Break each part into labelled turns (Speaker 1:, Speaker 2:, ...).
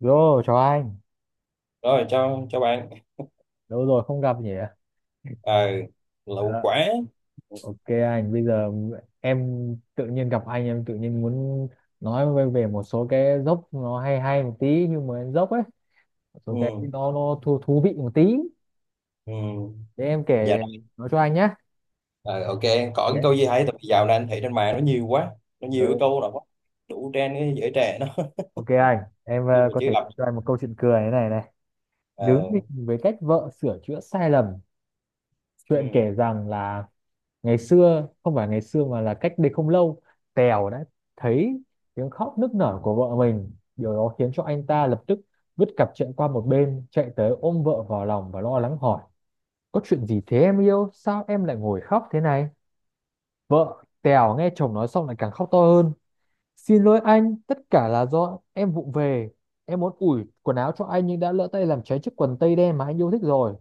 Speaker 1: Yo, chào anh.
Speaker 2: Rồi, cho bạn.
Speaker 1: Lâu rồi không gặp nhỉ?
Speaker 2: ờ Lẩu
Speaker 1: Ờ,
Speaker 2: quả.
Speaker 1: Ok anh, bây giờ em tự nhiên gặp anh em tự nhiên muốn nói về một số cái dốc nó hay hay một tí nhưng mà dốc ấy, một số cái
Speaker 2: Ừ.
Speaker 1: nó thú vị một tí.
Speaker 2: Ừ.
Speaker 1: Để em
Speaker 2: Dạ
Speaker 1: kể
Speaker 2: đó.
Speaker 1: nói cho anh nhé.
Speaker 2: Ờ, ok. Có cái
Speaker 1: dạ.
Speaker 2: câu gì hay, tại vì dạo này anh thấy trên mạng nó nhiều quá, nó nhiều cái
Speaker 1: Ừ.
Speaker 2: câu là quá đủ trend cái giới trẻ nó
Speaker 1: Ok anh, em
Speaker 2: nhưng mà
Speaker 1: có
Speaker 2: chưa
Speaker 1: thể
Speaker 2: gặp.
Speaker 1: kể cho anh một câu chuyện cười thế này này. Đứng
Speaker 2: Ờ.
Speaker 1: nhìn với cách vợ sửa chữa sai lầm. Chuyện
Speaker 2: Ừ.
Speaker 1: kể rằng là ngày xưa không phải ngày xưa mà là cách đây không lâu, Tèo đã thấy tiếng khóc nức nở của vợ mình. Điều đó khiến cho anh ta lập tức vứt cặp chuyện qua một bên, chạy tới ôm vợ vào lòng và lo lắng hỏi, có chuyện gì thế em yêu, sao em lại ngồi khóc thế này? Vợ Tèo nghe chồng nói xong lại càng khóc to hơn. Xin lỗi anh, tất cả là do em vụng về, em muốn ủi quần áo cho anh nhưng đã lỡ tay làm cháy chiếc quần tây đen mà anh yêu thích rồi.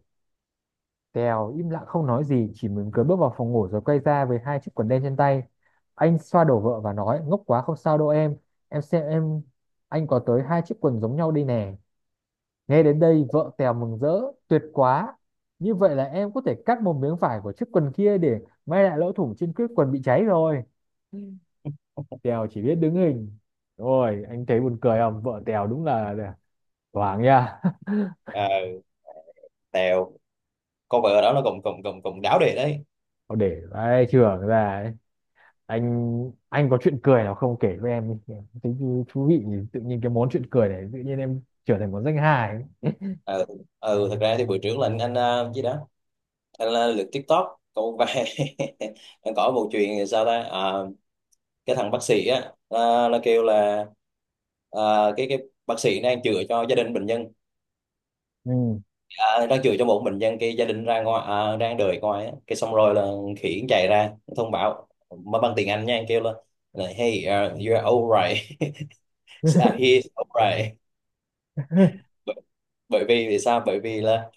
Speaker 1: Tèo im lặng không nói gì, chỉ mỉm cười bước vào phòng ngủ rồi quay ra với hai chiếc quần đen trên tay. Anh xoa đầu vợ và nói, ngốc quá không sao đâu em xem em, anh có tới hai chiếc quần giống nhau đây nè. Nghe đến đây, vợ Tèo mừng rỡ, tuyệt quá. Như vậy là em có thể cắt một miếng vải của chiếc quần kia để may lại lỗ thủng trên chiếc quần bị cháy rồi. Ừ. Tèo chỉ biết đứng hình. Rồi, anh thấy buồn cười không? Vợ Tèo đúng là thoáng nha.
Speaker 2: Ờ, tèo. Cô vợ đó nó cũng cũng cũng cũng đáo đề đấy.
Speaker 1: Để vai trưởng ra ấy. Anh có chuyện cười nào không, kể với em đi. Em thấy thú vị nhỉ? Tự nhiên cái món chuyện cười này tự nhiên em trở thành món danh hài ấy.
Speaker 2: Ờ, ừ, thật ra thì bữa trước là anh gì đó, anh lượt TikTok câu vài anh có một chuyện sao ta. Ờ, cái thằng bác sĩ á, nó kêu là cái bác sĩ đang chữa cho gia đình bệnh nhân.
Speaker 1: Ừ.
Speaker 2: À, đang chửi cho một mình dân cái gia đình ra ngoài, à, đang đợi ngoài á. Cái xong rồi là khỉ chạy ra thông báo mà bằng tiếng Anh nha anh, kêu lên là hey, you're alright à, he's alright bởi, bởi vì vì sao, bởi vì là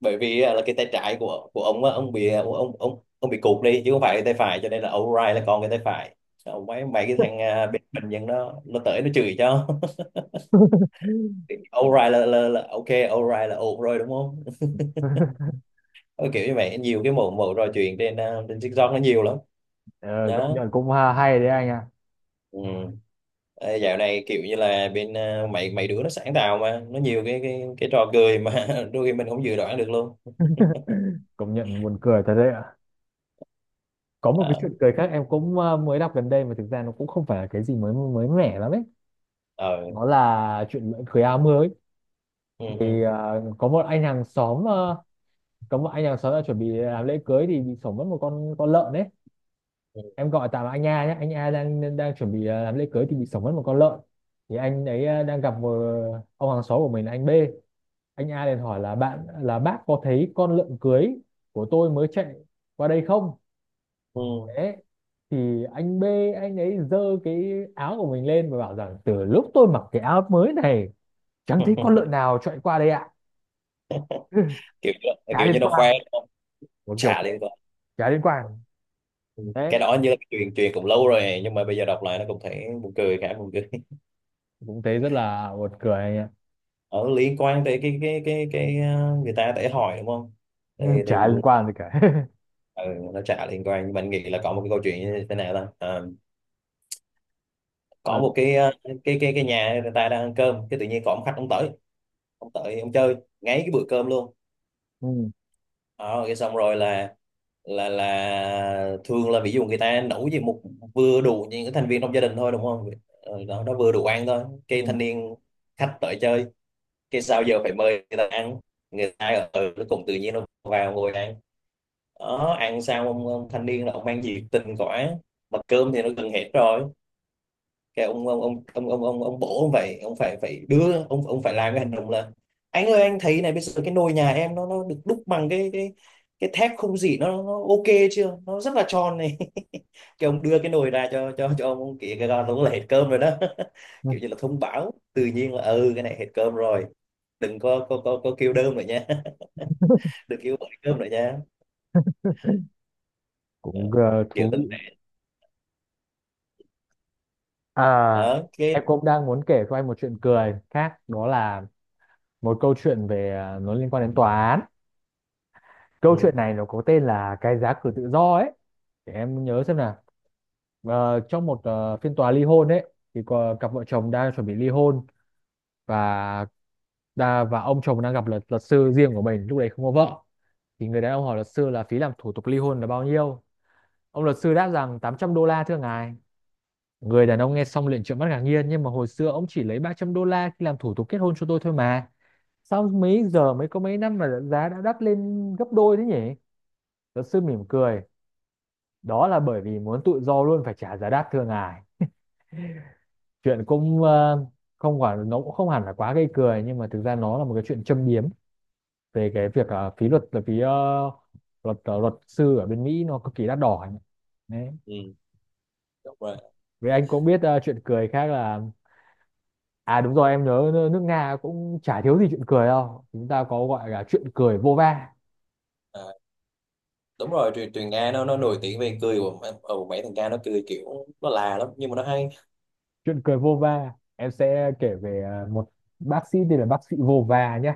Speaker 2: bởi vì á, là cái tay trái của ông á, ông bị ông bị cụt đi chứ không phải cái tay phải, cho nên là alright là còn cái tay phải. Xong mấy mấy cái thằng bên bệnh nhân đó nó tới nó chửi cho alright là ok, alright là ổn rồi đúng không. Ờ, kiểu như vậy nhiều cái mẫu mẫu trò chuyện trên trên TikTok nó nhiều lắm.
Speaker 1: Ờ, công
Speaker 2: Đó.
Speaker 1: nhận cũng hay đấy anh ạ.
Speaker 2: Ừ. Ê, dạo này kiểu như là bên mấy mấy đứa nó sáng tạo mà nó nhiều cái trò cười mà đôi khi mình không dự đoán được luôn.
Speaker 1: Công nhận buồn cười thật đấy ạ. Có một cái
Speaker 2: Đó.
Speaker 1: chuyện cười khác em cũng mới đọc gần đây mà thực ra nó cũng không phải là cái gì mới mới mẻ lắm ấy.
Speaker 2: Ờ.
Speaker 1: Đó là chuyện lễ cưới áo mới.
Speaker 2: Ừ, ừ.
Speaker 1: Thì có một anh hàng xóm đã chuẩn bị làm lễ cưới thì bị sổng mất một con lợn đấy. Em gọi tạm là anh A nhé, anh A đang đang chuẩn bị làm lễ cưới thì bị sổng mất một con lợn. Thì anh ấy đang gặp một ông hàng xóm của mình là anh B. Anh A liền hỏi là bạn là bác có thấy con lợn cưới của tôi mới chạy qua đây không?
Speaker 2: Ừ. Ừ.
Speaker 1: Đấy. Thì anh B, anh ấy giơ cái áo của mình lên và bảo rằng từ lúc tôi mặc cái áo mới này chẳng thấy con lợn nào chạy qua đây ạ.
Speaker 2: kiểu
Speaker 1: Chả
Speaker 2: kiểu
Speaker 1: liên
Speaker 2: như nó khoe
Speaker 1: quan.
Speaker 2: nó,
Speaker 1: Một kiểu
Speaker 2: trả liên quan.
Speaker 1: chả liên quan.
Speaker 2: Ừ. Cái
Speaker 1: Đấy,
Speaker 2: đó như là cái chuyện chuyện cũng lâu rồi nhưng mà bây giờ đọc lại nó cũng thấy buồn cười, khá buồn cười
Speaker 1: cũng thấy rất là buồn cười anh ạ.
Speaker 2: ở liên quan tới cái người ta để hỏi đúng không,
Speaker 1: Ừ,
Speaker 2: thì
Speaker 1: chả liên quan gì cả.
Speaker 2: ừ, nó trả liên quan nhưng mình nghĩ là có một cái câu chuyện như thế nào ta. Ờ, có
Speaker 1: Ờ,
Speaker 2: một cái, cái cái nhà người ta đang ăn cơm, cái tự nhiên có một khách ông tới, ông tới ông chơi ngay cái bữa cơm luôn.
Speaker 1: ừ,
Speaker 2: Ờ, cái xong rồi là là thường là ví dụ người ta nấu gì một vừa đủ những cái thành viên trong gia đình thôi đúng không. Ờ, đó nó vừa đủ ăn thôi cái
Speaker 1: ừ.
Speaker 2: thanh niên khách tới chơi, cái sao giờ phải mời người ta ăn, người ta ở ở nó cũng tự nhiên nó vào ngồi ăn. Đó ăn xong ông thanh niên là ông mang nhiệt tình quá mà cơm thì nó gần hết rồi. Cái ông bố ông phải, phải đưa ông, phải làm cái hành động là anh ơi anh thấy này, bây giờ cái nồi nhà em nó được đúc bằng cái cái thép không gỉ, nó ok chưa, nó rất là tròn này cái ông đưa cái nồi ra cho cho ông kia, cái con đúng là hết cơm rồi đó
Speaker 1: Ừ,
Speaker 2: kiểu như là thông báo tự nhiên là ừ cái này hết cơm rồi, đừng có kêu đơm nữa nha đừng kêu gọi cơm nữa nha. Ờ,
Speaker 1: cũng
Speaker 2: kiểu
Speaker 1: thú
Speaker 2: tình
Speaker 1: vị.
Speaker 2: thế
Speaker 1: À,
Speaker 2: đó
Speaker 1: em
Speaker 2: cái.
Speaker 1: cũng đang muốn kể cho anh một chuyện cười khác, đó là một câu chuyện về, nó liên quan đến tòa án.
Speaker 2: Ừ,
Speaker 1: Câu chuyện này nó có tên là cái giá cử tự do ấy. Để em nhớ xem nào. Ờ, trong một phiên tòa ly hôn ấy thì có cặp vợ chồng đang chuẩn bị ly hôn. Và và ông chồng đang gặp luật luật sư riêng của mình lúc đấy không có vợ. Thì người đàn ông hỏi luật sư là phí làm thủ tục ly hôn là bao nhiêu. Ông luật sư đáp rằng $800 thưa ngài. Người đàn ông nghe xong liền trợn mắt ngạc nhiên, nhưng mà hồi xưa ông chỉ lấy $300 khi làm thủ tục kết hôn cho tôi thôi mà. Sao mấy giờ mới có mấy năm mà giá đã đắt lên gấp đôi thế nhỉ? Luật sư mỉm cười. Đó là bởi vì muốn tự do luôn phải trả giá đắt thưa ngài. Chuyện cũng không quả nó cũng không hẳn là quá gây cười, nhưng mà thực ra nó là một cái chuyện châm biếm về cái việc phí luật là phí luật luật sư ở bên Mỹ nó cực kỳ đắt đỏ ấy. Đấy.
Speaker 2: ừ, đúng rồi.
Speaker 1: Với anh cũng biết chuyện cười khác là, à đúng rồi, em nhớ nước Nga cũng chả thiếu gì chuyện cười đâu. Chúng ta có gọi là chuyện cười vô va.
Speaker 2: Ờ. Đúng rồi, truyền truyền Nga nó nổi tiếng về cười của ừ, mấy thằng Nga nó cười kiểu nó là lắm nhưng mà nó hay.
Speaker 1: Chuyện cười vô va. Em sẽ kể về một bác sĩ tên là bác sĩ vô va nhé.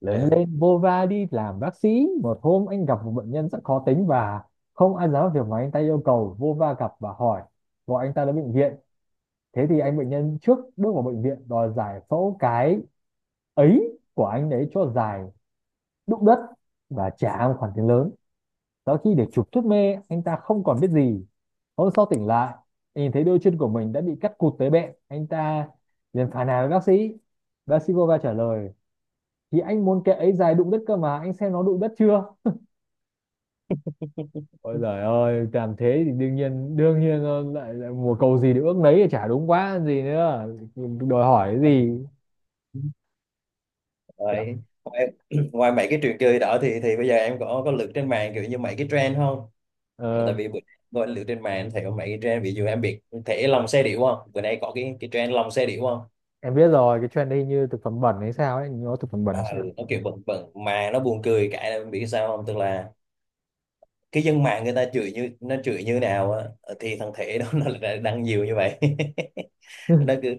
Speaker 1: Lớn
Speaker 2: Ờ.
Speaker 1: lên vô va đi làm bác sĩ. Một hôm anh gặp một bệnh nhân rất khó tính và không ăn dám việc mà anh ta yêu cầu. Vô va gặp và hỏi gọi anh ta đến bệnh viện. Thế thì anh bệnh nhân trước bước vào bệnh viện đòi giải phẫu cái ấy của anh ấy cho dài đụng đất và trả một khoản tiền lớn. Sau khi được chụp thuốc mê, anh ta không còn biết gì. Hôm sau tỉnh lại, nhìn thấy đôi chân của mình đã bị cắt cụt tới bẹn. Anh ta liền phàn nàn với bác sĩ. Bác sĩ vô va trả lời, thì anh muốn kệ ấy dài đụng đất cơ mà, anh xem nó đụng đất chưa? Ôi giời ơi, làm thế thì đương nhiên lại, lại mùa cầu gì được ước nấy thì chả đúng quá gì nữa. Đòi hỏi cái gì?
Speaker 2: Rồi. Ngoài, ngoài mấy cái trò chơi đó thì bây giờ em có lượt trên mạng kiểu như mấy cái trend không?
Speaker 1: Ờ,
Speaker 2: Tại vì bữa gọi lượt trên mạng thì có mấy cái trend, ví dụ em biết thể lòng xe điểu không? Bữa nay có cái trend lòng xe điểu không?
Speaker 1: em biết rồi, cái trend đây như thực phẩm bẩn hay sao ấy, nó thực phẩm bẩn hay
Speaker 2: À, ừ,
Speaker 1: sao?
Speaker 2: nó kiểu bẩn bẩn mà nó buồn cười, cái em biết sao không? Tức là cái dân mạng người ta chửi, như nó chửi như nào á, thì thằng thể đó nó lại đăng nhiều như vậy. nó cứ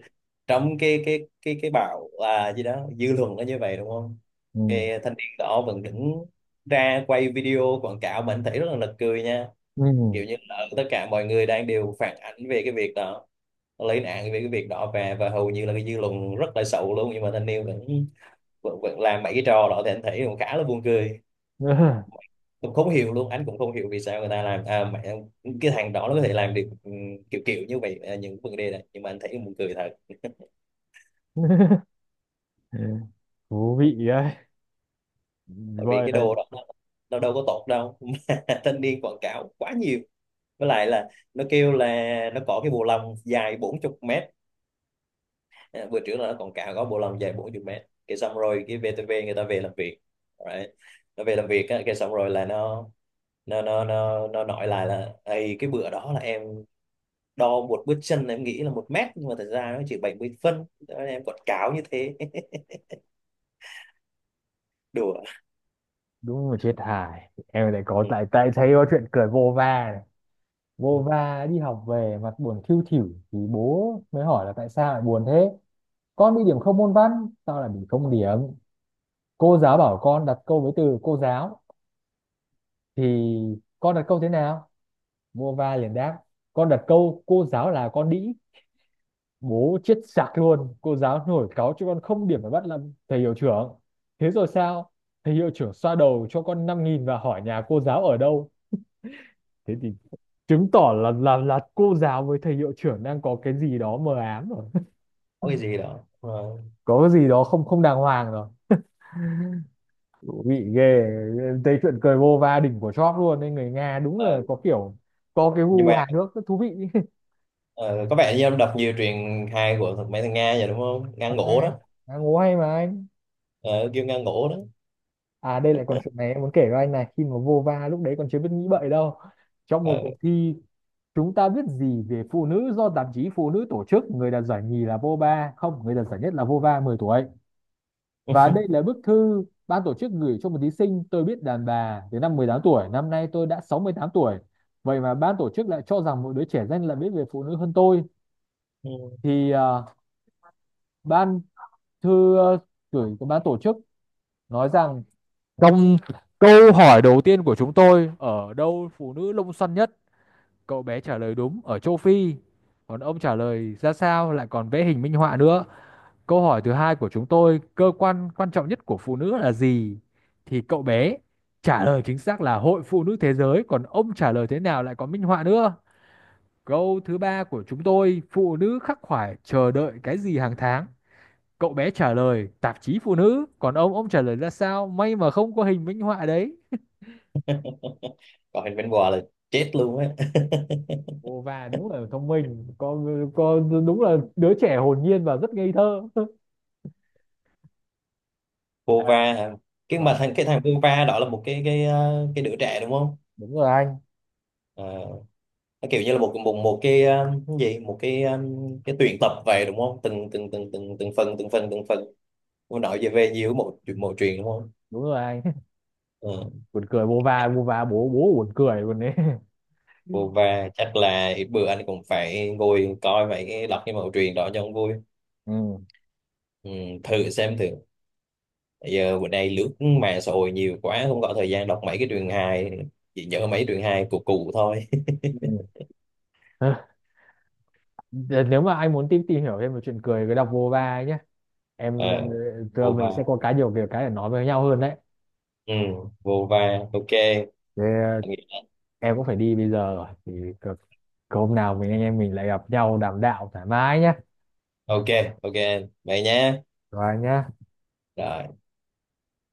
Speaker 2: trong cái bạo, gì đó, dư luận nó như vậy đúng không,
Speaker 1: Ừ.
Speaker 2: cái thanh niên đó vẫn đứng ra quay video quảng cáo, mình thấy rất là nực cười nha.
Speaker 1: Ừ.
Speaker 2: Kiểu như là tất cả mọi người đang đều phản ánh về cái việc đó, lấy nạn về cái việc đó, về và hầu như là cái dư luận rất là xấu luôn, nhưng mà thanh niên vẫn vẫn làm mấy cái trò đó thì anh thấy cũng khá là buồn cười, cũng không hiểu luôn, anh cũng không hiểu vì sao người ta làm, à, mẹ, cái thằng đó nó có thể làm được ừ, kiểu kiểu như vậy, những vấn đề này nhưng mà anh thấy buồn cười thật.
Speaker 1: Thú vị đấy.
Speaker 2: Tại vì
Speaker 1: Voi
Speaker 2: cái
Speaker 1: đấy,
Speaker 2: đồ đó nó đâu có tốt đâu mà thanh niên quảng cáo quá nhiều, với lại là nó kêu là nó có cái bộ lòng dài 40 mét. À, bữa trước là nó quảng cáo có bộ lòng dài 40 mét, cái xong rồi cái VTV người ta về làm việc, right. Nó về làm việc á, cái xong rồi là nó nó nói lại là ây, cái bữa đó là em đo một bước chân em nghĩ là 1 mét nhưng mà thật ra nó chỉ 70 phân. Thế em quảng cáo như thế đùa.
Speaker 1: đúng là chết hài. Em lại có
Speaker 2: Ừ.
Speaker 1: lại tại thấy có chuyện cười vô va này.
Speaker 2: Ừ,
Speaker 1: Vô va đi học về mặt buồn thiu thỉu thì bố mới hỏi là tại sao lại buồn thế. Con bị điểm không môn văn, tao lại bị không điểm. Cô giáo bảo con đặt câu với từ cô giáo thì con đặt câu thế nào. Vô va liền đáp, con đặt câu cô giáo là con đĩ. Bố chết sặc luôn, cô giáo nổi cáu cho con không điểm phải bắt làm thầy hiệu trưởng. Thế rồi sao? Thầy hiệu trưởng xoa đầu cho con 5.000 và hỏi nhà cô giáo ở đâu. Thế thì chứng tỏ là cô giáo với thầy hiệu trưởng đang có cái gì đó mờ ám rồi.
Speaker 2: có cái gì đó. Ờ,
Speaker 1: Có cái gì đó không không đàng hoàng rồi bị ghê. Thấy chuyện cười vô va đỉnh của chóp luôn nên người Nga đúng
Speaker 2: ờ,
Speaker 1: là có kiểu có cái
Speaker 2: nhưng
Speaker 1: gu
Speaker 2: mà.
Speaker 1: hài hước rất thú vị.
Speaker 2: Ờ, có vẻ như ông đọc nhiều truyện hài của thằng mấy thằng Nga vậy đúng không? Nga
Speaker 1: Ờ, Nga
Speaker 2: ngổ
Speaker 1: em,
Speaker 2: đó,
Speaker 1: Nga ngố hay mà anh.
Speaker 2: ờ, kêu Nga ngổ đó.
Speaker 1: À đây lại còn chuyện này em muốn kể với anh này, khi mà vô va lúc đấy còn chưa biết nghĩ bậy đâu. Trong
Speaker 2: Ờ.
Speaker 1: một cuộc thi chúng ta biết gì về phụ nữ do tạp chí phụ nữ tổ chức, người đạt giải nhì là Vova không, người đạt giải nhất là Vova 10 tuổi. Và đây là bức thư ban tổ chức gửi cho một thí sinh, tôi biết đàn bà từ năm 18 tuổi, năm nay tôi đã 68 tuổi. Vậy mà ban tổ chức lại cho rằng một đứa trẻ danh là biết về phụ nữ hơn tôi. Thì ban thư gửi của ban tổ chức nói rằng, trong câu hỏi đầu tiên của chúng tôi, ở đâu phụ nữ lông xoăn nhất? Cậu bé trả lời đúng, ở châu Phi. Còn ông trả lời ra sao, lại còn vẽ hình minh họa nữa. Câu hỏi thứ hai của chúng tôi, cơ quan quan trọng nhất của phụ nữ là gì? Thì cậu bé trả lời chính xác là Hội Phụ nữ Thế giới, còn ông trả lời thế nào lại có minh họa nữa. Câu thứ ba của chúng tôi, phụ nữ khắc khoải chờ đợi cái gì hàng tháng? Cậu bé trả lời tạp chí phụ nữ, còn ông trả lời ra sao? May mà không có hình minh họa đấy.
Speaker 2: Còn hình bên bò là chết luôn á
Speaker 1: Ồ và đúng là thông minh, con đúng là đứa trẻ hồn nhiên và rất ngây thơ. À,
Speaker 2: Vova hả? Cái mà
Speaker 1: vâng,
Speaker 2: thằng cái thằng Vova đó là một cái cái đứa trẻ đúng không?
Speaker 1: đúng rồi anh,
Speaker 2: Ờ, nó kiểu như là một một một cái, cái gì, một cái, cái tuyển tập về đúng không? Từng từng từng từng từng phần, từng phần. Nó nói về về nhiều một một truyện đúng không?
Speaker 1: đúng rồi anh.
Speaker 2: Ờ,
Speaker 1: Buồn cười Bova Bova, bố bố buồn cười luôn đấy.
Speaker 2: vô. Chắc là ít bữa anh cũng phải ngồi coi mấy cái, đọc cái mẫu truyện đó cho ông vui.
Speaker 1: Ừ.
Speaker 2: Ừ, thử xem thử. Bây giờ bữa nay lướt mạng xã hội nhiều quá không có thời gian đọc mấy cái truyền hài, chỉ nhớ mấy truyền hài của cụ thôi.
Speaker 1: Ừ. Ừ. Nếu mà anh muốn tìm tìm hiểu thêm về chuyện cười cứ đọc Bova ấy nhé. Em
Speaker 2: À,
Speaker 1: tụi
Speaker 2: vô
Speaker 1: mình sẽ
Speaker 2: va.
Speaker 1: có cái nhiều kiểu cái để nói với nhau hơn đấy.
Speaker 2: Ừ, vô va. Ok.
Speaker 1: Thế,
Speaker 2: Anh nghĩ-
Speaker 1: em cũng phải đi bây giờ rồi thì cực- hôm nào mình anh em mình lại gặp nhau đàm đạo thoải mái nhé.
Speaker 2: ok. Ok, vậy nhé.
Speaker 1: Rồi nhé.
Speaker 2: Rồi.